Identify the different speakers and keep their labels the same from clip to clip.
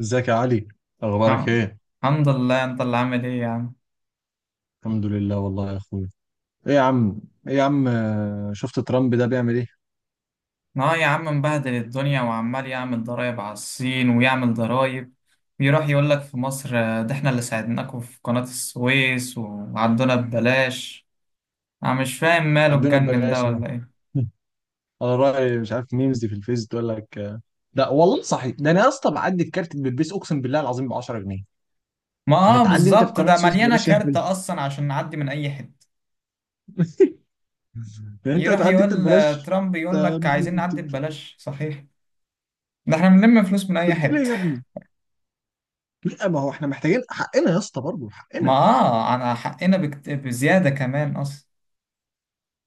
Speaker 1: ازيك يا علي؟ اخبارك
Speaker 2: الحم-
Speaker 1: ايه؟
Speaker 2: الحمد لله، انت اللي عامل ايه يا عم؟
Speaker 1: الحمد لله والله يا اخويا. ايه يا عم؟ ايه يا عم، شفت ترامب ده بيعمل ايه؟
Speaker 2: اه يا عم، مبهدل الدنيا وعمال يعمل ضرايب على الصين ويعمل ضرايب. بيروح يقول لك في مصر، ده احنا اللي ساعدناكم في قناة السويس وعدونا ببلاش. انا مش فاهم ماله،
Speaker 1: عدونا
Speaker 2: اتجنن ده
Speaker 1: ببلاش اهو.
Speaker 2: ولا ايه؟
Speaker 1: على رأي مش عارف، ميمز دي في الفيس تقول لك لا والله صحيح، ده انا يا اسطى بعدي الكارت بلبس، اقسم بالله العظيم ب 10 جنيه.
Speaker 2: ما اه،
Speaker 1: هتعدي انت في
Speaker 2: بالظبط
Speaker 1: قناة
Speaker 2: ده
Speaker 1: السويس
Speaker 2: مليانة
Speaker 1: ببلاش يا اهبل؟
Speaker 2: كارت اصلا عشان نعدي من اي حتة.
Speaker 1: يعني انت
Speaker 2: يروح
Speaker 1: هتعدي انت
Speaker 2: يقول،
Speaker 1: ببلاش؟
Speaker 2: ترامب يقول
Speaker 1: آه،
Speaker 2: لك عايزين
Speaker 1: انت،
Speaker 2: نعدي ببلاش صحيح؟ ده احنا بنلم فلوس من اي
Speaker 1: أنت بتقول ايه
Speaker 2: حتة.
Speaker 1: يا ابني؟ لا ما هو احنا محتاجين حقنا يا اسطى، برضه
Speaker 2: ما
Speaker 1: حقنا.
Speaker 2: اه، على حقنا بزيادة كمان اصلا.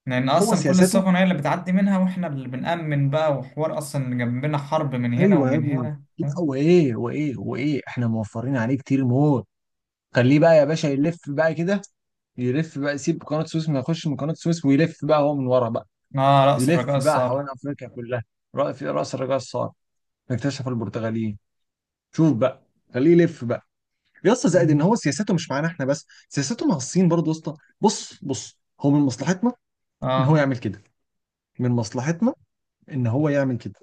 Speaker 2: لأن
Speaker 1: هو
Speaker 2: أصلا كل
Speaker 1: سياساته.
Speaker 2: السفن هي اللي بتعدي منها، وإحنا اللي بنأمن بقى، وحوار أصلا جنبنا حرب من هنا
Speaker 1: ايوه يا
Speaker 2: ومن
Speaker 1: ابني.
Speaker 2: هنا،
Speaker 1: لا
Speaker 2: فاهم؟
Speaker 1: وايه وايه وايه، احنا موفرين عليه كتير موت. خليه بقى يا باشا يلف بقى كده. يلف بقى يسيب قناة السويس، ما يخش من قناة السويس ويلف بقى هو من ورا بقى.
Speaker 2: آه، رأس الرجاء
Speaker 1: يلف بقى
Speaker 2: الصالح.
Speaker 1: حوالين أفريقيا كلها. رأي في رأس الرجاء الصقر. اكتشف البرتغاليين. شوف بقى. خليه يلف بقى. يا اسطى
Speaker 2: آه.
Speaker 1: زائد ان هو سياسته مش معانا احنا بس، سياسته مع الصين برضه يا اسطى. بص بص هو من مصلحتنا ان هو
Speaker 2: آه.
Speaker 1: يعمل كده. من مصلحتنا ان هو يعمل كده.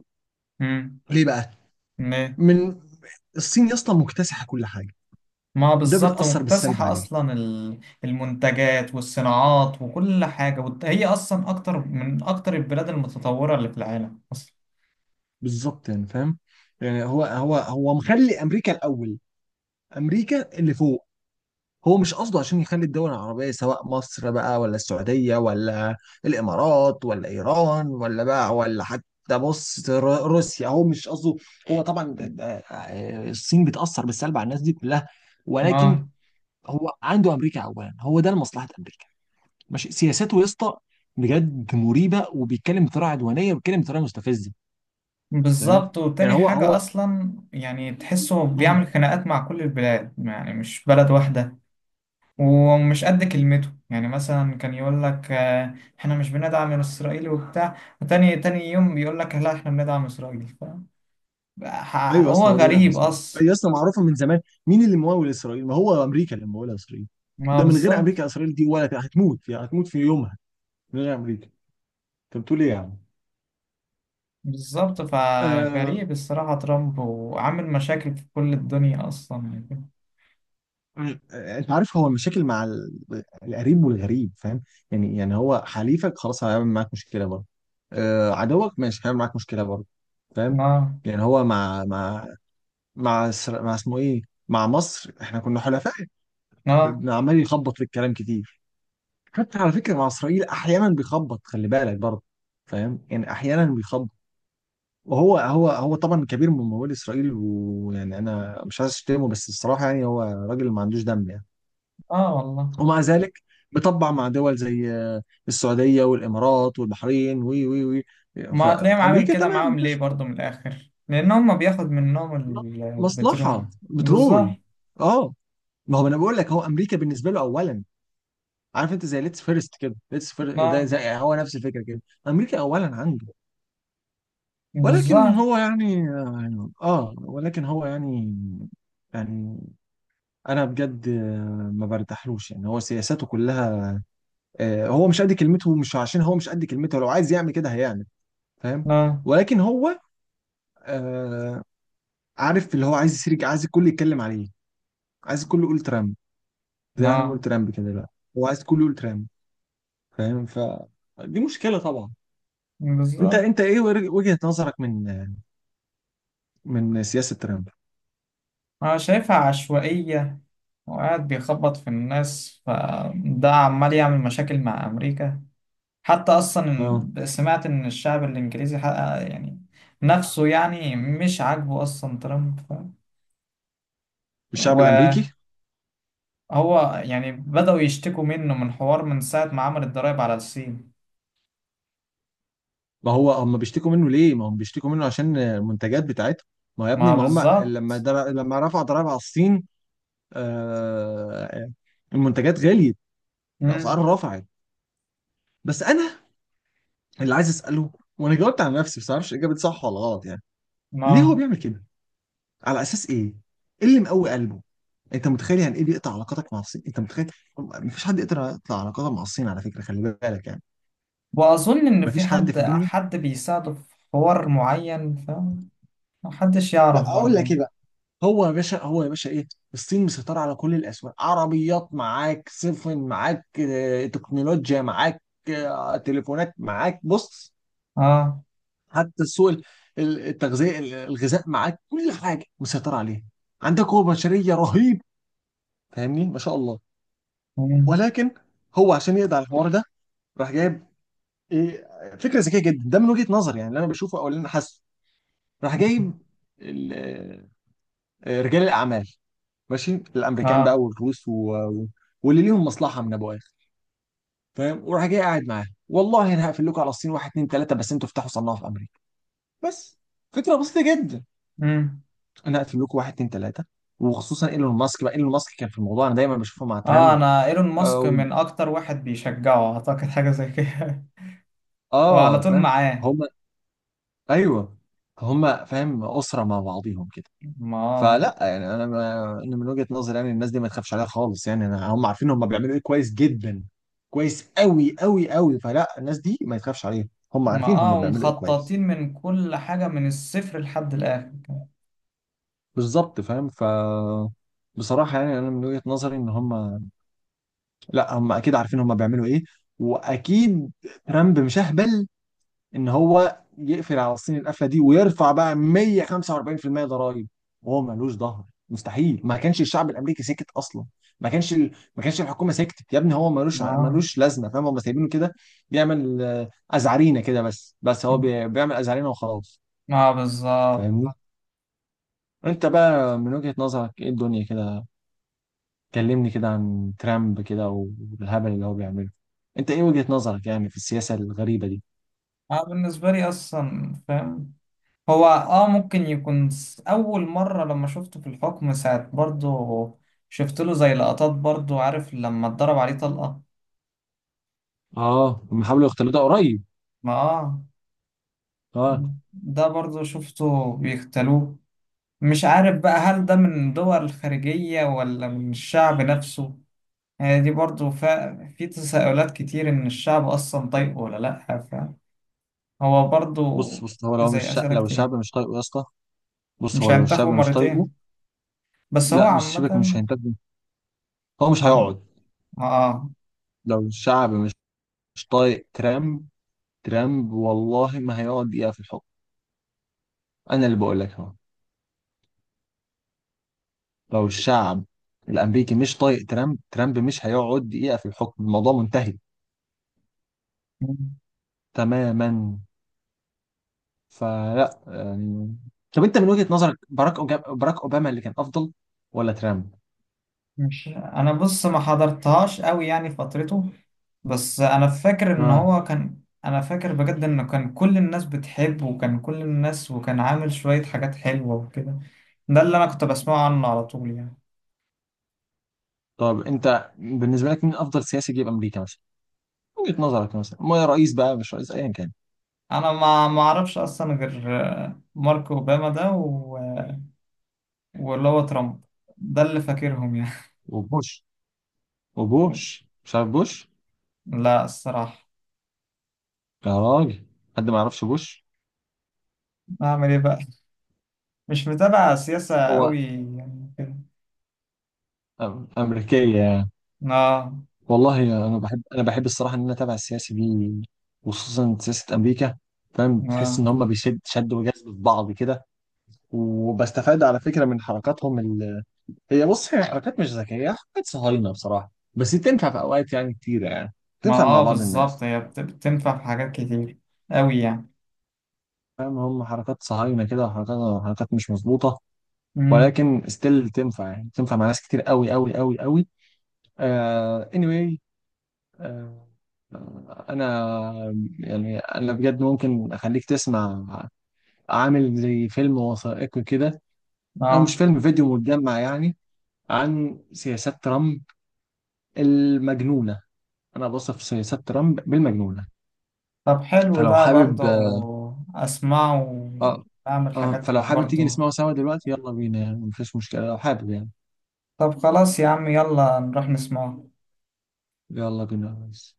Speaker 2: مم.
Speaker 1: ليه بقى؟
Speaker 2: ليه؟
Speaker 1: من الصين يا اسطى مكتسحه كل حاجه.
Speaker 2: ما
Speaker 1: ده
Speaker 2: بالظبط،
Speaker 1: بتأثر بالسلب
Speaker 2: مكتسحة
Speaker 1: عليه.
Speaker 2: أصلا المنتجات والصناعات وكل حاجة هي أصلا أكتر من أكتر البلاد المتطورة اللي في العالم أصلا.
Speaker 1: بالظبط يعني فاهم. يعني هو مخلي امريكا الاول. امريكا اللي فوق. هو مش قصده عشان يخلي الدول العربيه، سواء مصر بقى ولا السعوديه ولا الامارات ولا ايران ولا بقى، ولا حتى بص روسيا، هو مش قصده. هو طبعا الصين بتاثر بالسلب على الناس دي كلها. ولكن
Speaker 2: آه
Speaker 1: هو عنده امريكا اولا، هو ده لمصلحه امريكا. ماشي سياساته يا اسطى بجد مريبه، وبيتكلم بطريقه عدوانيه وبيتكلم بطريقه مستفزه. فاهم؟
Speaker 2: بالظبط.
Speaker 1: يعني
Speaker 2: وتاني حاجة
Speaker 1: هو،
Speaker 2: أصلا، يعني تحسه
Speaker 1: هو،
Speaker 2: بيعمل خناقات مع كل البلاد، يعني مش بلد واحدة. ومش قد كلمته يعني، مثلا كان يقول لك، احنا مش بندعم اسرائيل وبتاع، وتاني تاني يوم بيقول لك لا احنا بندعم اسرائيل، فاهم؟
Speaker 1: ايوه يا
Speaker 2: هو
Speaker 1: اسطى، هو بيدعم
Speaker 2: غريب
Speaker 1: اسرائيل
Speaker 2: اصلا.
Speaker 1: ايوه يا اسطى، معروفه من زمان. مين اللي ممول اسرائيل؟ ما هو امريكا اللي مموله اسرائيل.
Speaker 2: ما
Speaker 1: ده من غير
Speaker 2: بالظبط.
Speaker 1: امريكا، اسرائيل دي ولا هتموت يعني، هتموت في يومها. من غير امريكا. انت بتقول ايه يا عم؟
Speaker 2: بالظبط
Speaker 1: آه،
Speaker 2: فغريب الصراحة ترامب، وعامل مشاكل في كل الدنيا اصلا. يعني.
Speaker 1: انت عارف هو المشاكل مع القريب والغريب. فاهم؟ يعني هو حليفك خلاص هيعمل معاك مشكله برضه. عدوك ماشي هيعمل معاك مشكله برضه. فاهم؟
Speaker 2: اه،
Speaker 1: يعني هو مع, مع اسمه ايه، مع مصر، احنا كنا حلفاء.
Speaker 2: اه،
Speaker 1: عمال يخبط في الكلام كتير. حتى على فكره مع اسرائيل احيانا بيخبط، خلي بالك برضه. فاهم يعني احيانا بيخبط. وهو هو هو طبعا كبير من ممول اسرائيل، ويعني انا مش عايز اشتمه بس الصراحه يعني هو راجل ما عندوش دم يعني.
Speaker 2: اه والله.
Speaker 1: ومع ذلك بيطبع مع دول زي السعوديه والامارات والبحرين وي وي وي
Speaker 2: ما هتلاقيهم عامل
Speaker 1: فامريكا
Speaker 2: كده
Speaker 1: تمام،
Speaker 2: معاهم ليه
Speaker 1: مفيش
Speaker 2: برضه؟ من الاخر، لان هم بياخد منهم
Speaker 1: مصلحه
Speaker 2: البترول. بالظبط.
Speaker 1: بترول. اه. ما هو انا بقول لك هو امريكا بالنسبه له اولا. عارف انت زي ليتس فيرست كده، ليتس فيرست ده
Speaker 2: اه،
Speaker 1: زي هو نفس الفكره كده. امريكا اولا عنده. ولكن
Speaker 2: بالظبط.
Speaker 1: هو يعني ولكن هو يعني، يعني انا بجد ما برتاحلوش يعني، هو سياساته كلها هو مش قد كلمته، مش عشان هو مش قد كلمته لو عايز يعمل كده هيعمل. فاهم؟
Speaker 2: اه،
Speaker 1: ولكن هو آه، عارف اللي هو عايز يسرق، عايز الكل يتكلم عليه. عايز الكل يقول ترامب، زي ما احنا بنقول
Speaker 2: اه،
Speaker 1: ترامب كده دلوقتي. هو عايز الكل يقول ترامب. فاهم؟ فدي مشكلة طبعا. انت
Speaker 2: بالظبط.
Speaker 1: انت ايه وجهة نظرك من، من سياسة ترامب؟
Speaker 2: أنا شايفها عشوائية، وقاعد بيخبط في الناس، فده عمال يعمل مشاكل مع أمريكا. حتى أصلا،
Speaker 1: اه.
Speaker 2: سمعت إن الشعب الإنجليزي حقق يعني نفسه، يعني مش عاجبه أصلا ترامب
Speaker 1: الشعب الامريكي.
Speaker 2: وهو يعني، بدأوا يشتكوا منه من حوار، من ساعة ما عمل الضرايب على الصين.
Speaker 1: ما هو هم بيشتكوا منه ليه؟ ما هم بيشتكوا منه عشان المنتجات بتاعتهم. ما هو يا ابني
Speaker 2: ما
Speaker 1: ما هم لما
Speaker 2: بالظبط.
Speaker 1: لما رفع ضرائب على الصين، آه... المنتجات غليت، الاسعار
Speaker 2: مم.
Speaker 1: رفعت. بس انا اللي عايز اساله، وانا جاوبت على نفسي بس معرفش اجابه صح ولا غلط يعني، ليه هو
Speaker 2: ما،
Speaker 1: بيعمل كده؟ على اساس ايه؟ ايه اللي مقوي قلبه؟ انت متخيل يعني ايه بيقطع علاقاتك مع الصين؟ انت متخيل؟ مفيش حد يقدر يقطع علاقاته مع الصين، على فكره خلي بالك يعني.
Speaker 2: وأظن إن في
Speaker 1: مفيش حد
Speaker 2: حد
Speaker 1: في الدنيا.
Speaker 2: حد بيساعده في حوار معين، فمحدش
Speaker 1: لا
Speaker 2: يعرف
Speaker 1: اقول لك
Speaker 2: برضه.
Speaker 1: ايه بقى، هو يا باشا هو يا باشا ايه، الصين مسيطره على كل الاسواق. عربيات معاك، سفن معاك، تكنولوجيا معاك، تليفونات معاك، بص
Speaker 2: آه.
Speaker 1: حتى السوق التغذيه الغذاء معاك، كل حاجه مسيطره عليها. عندك قوه بشريه رهيب، فاهمني ما شاء الله.
Speaker 2: مم.
Speaker 1: ولكن هو عشان يقضي على الحوار ده، راح جايب ايه، فكره ذكيه جدا ده من وجهه نظري يعني، اللي انا بشوفه او اللي انا حاسه. راح جايب رجال الاعمال ماشي، الامريكان بقى
Speaker 2: آه.
Speaker 1: والروس واللي ليهم مصلحه من ابو اخر. فاهم؟ وراح جاي قاعد معاه، والله انا هقفل لكم على الصين واحد اتنين تلاته بس انتوا افتحوا صناعه في امريكا. بس فكره بسيطه جدا،
Speaker 2: امم
Speaker 1: انا هقفل لكم واحد اتنين تلاته. وخصوصا ايلون ماسك بقى، ايلون ماسك كان في الموضوع، انا دايما بشوفه مع
Speaker 2: اه،
Speaker 1: ترامب.
Speaker 2: انا ايلون ماسك
Speaker 1: أو...
Speaker 2: من اكتر واحد بيشجعه، اعتقد حاجه زي كده. هو على
Speaker 1: اه
Speaker 2: طول
Speaker 1: فاهم.
Speaker 2: معاه.
Speaker 1: هم. ايوه. هم فاهم اسره مع بعضيهم كده.
Speaker 2: ما آه.
Speaker 1: فلا يعني انا انا من وجهة نظري يعني الناس دي ما تخافش عليها خالص يعني، هم عارفين هم بيعملوا ايه كويس جدا، كويس قوي قوي قوي. فلا الناس دي ما يتخافش عليها، هم
Speaker 2: ما
Speaker 1: عارفين هم
Speaker 2: اه،
Speaker 1: بيعملوا ايه كويس.
Speaker 2: ومخططين من كل حاجه من الصفر لحد الاخر.
Speaker 1: بالظبط فاهم بصراحة يعني انا من وجهة نظري ان هم، لا هم اكيد عارفين هم بيعملوا ايه. واكيد ترامب مش اهبل ان هو يقفل على الصين القفله دي ويرفع بقى 145% ضرائب وهو ملوش ظهر. مستحيل، ما كانش الشعب الامريكي سكت اصلا، ما كانش ما كانش الحكومه سكتت يا ابني، هو ملوش
Speaker 2: ما آه.
Speaker 1: ملوش لازمه. فاهم؟ هم سايبينه كده بيعمل ازعرينه كده بس، هو بيعمل ازعرينه وخلاص.
Speaker 2: ما آه، بالظبط.
Speaker 1: فاهمني؟ انت بقى من وجهة نظرك ايه الدنيا كده؟ كلمني كده عن ترامب، كده والهبل اللي هو بيعمله. انت ايه وجهة نظرك يعني في السياسة الغريبة دي؟
Speaker 2: انا بالنسبه لي اصلا فاهم. هو ممكن يكون اول مره لما شفته في الحكم ساعه برضه. شفت له زي لقطات برضه، عارف لما اتضرب عليه طلقه.
Speaker 1: اه. هم حاولوا يختلطوا قريب.
Speaker 2: ما اه.
Speaker 1: اه.
Speaker 2: ده برضه شفته بيختلوه. مش عارف بقى، هل ده من دول الخارجية ولا من الشعب نفسه. يعني دي برضو في تساؤلات كتير إن الشعب أصلا طيب ولا لأ. فهو برضو
Speaker 1: بص بص هو لو مش
Speaker 2: زي
Speaker 1: شا...
Speaker 2: أسئلة
Speaker 1: لو
Speaker 2: كتير.
Speaker 1: الشعب مش طايقه يا اسطى، بص
Speaker 2: مش
Speaker 1: هو لو الشعب
Speaker 2: هينتخبوا
Speaker 1: مش طايقه،
Speaker 2: مرتين. بس هو
Speaker 1: لا مش شبك مش
Speaker 2: عامة.
Speaker 1: هينتج، هو مش
Speaker 2: عم...
Speaker 1: هيقعد.
Speaker 2: آه.
Speaker 1: لو الشعب مش، مش طايق ترامب، ترامب والله ما هيقعد دقيقة في الحكم. انا اللي بقول لك اهو، لو الشعب الامريكي مش طايق ترامب، ترامب مش هيقعد دقيقة في الحكم، الموضوع منتهي تماما. فلا يعني، طب انت من وجهة نظرك باراك اوباما اللي كان افضل ولا ترامب؟
Speaker 2: مش أنا، بص ما حضرتهاش أوي يعني فترته. بس
Speaker 1: اه.
Speaker 2: انا فاكر بجد انه كان كل الناس بتحبه، وكان كل الناس وكان عامل شوية حاجات حلوة وكده. ده اللي انا كنت بسمعه عنه على طول يعني.
Speaker 1: طب انت بالنسبة لك مين افضل سياسي جه في امريكا مثلا؟ وجهة نظرك مثلا ما رئيس بقى، مش رئيس ايا كان.
Speaker 2: انا ما اعرفش اصلا غير مارك اوباما ده واللي هو ترامب. ده اللي فاكرهم يعني.
Speaker 1: وبوش. مش عارف بوش؟
Speaker 2: لا، الصراحة
Speaker 1: يا راجل، حد ما يعرفش بوش؟
Speaker 2: اعمل ايه بقى، مش متابع سياسة
Speaker 1: هو
Speaker 2: قوي يعني كده.
Speaker 1: امريكيه يعني.
Speaker 2: اه.
Speaker 1: والله انا بحب، الصراحه ان انا اتابع السياسه دي وخصوصا سياسه امريكا. فاهم؟ تحس ان
Speaker 2: اه.
Speaker 1: هم بيشد شد وجذب في بعض كده. وبستفاد على فكره من حركاتهم هي بص هي حركات مش ذكيه، حركات صهاينه بصراحه، بس تنفع في اوقات يعني كتيره يعني،
Speaker 2: ما
Speaker 1: تنفع مع
Speaker 2: اه،
Speaker 1: بعض
Speaker 2: بالظبط.
Speaker 1: الناس.
Speaker 2: هي بتنفع في حاجات كتير قوي يعني.
Speaker 1: فاهم؟ هم حركات صهاينه كده وحركات، حركات مش مظبوطه.
Speaker 2: امم.
Speaker 1: ولكن ستيل تنفع يعني، تنفع مع ناس كتير قوي قوي قوي قوي. آه anyway. آه. انا، يعني انا بجد ممكن اخليك تسمع عامل زي فيلم وثائقي كده، او مش
Speaker 2: اه،
Speaker 1: فيلم، فيديو متجمع يعني، عن سياسات ترامب المجنونة. انا بوصف سياسات ترامب بالمجنونة.
Speaker 2: طب حلو
Speaker 1: فلو
Speaker 2: ده برضه،
Speaker 1: حابب،
Speaker 2: أسمعه
Speaker 1: اه.
Speaker 2: وأعمل
Speaker 1: اه
Speaker 2: حاجات
Speaker 1: فلو حابب تيجي
Speaker 2: برضه.
Speaker 1: نسمعه سوا دلوقتي، يلا بينا يعني، مفيش مشكلة لو حابب يعني.
Speaker 2: طب خلاص يا عم، يلا نروح نسمعه.
Speaker 1: يلا بينا يا ريس.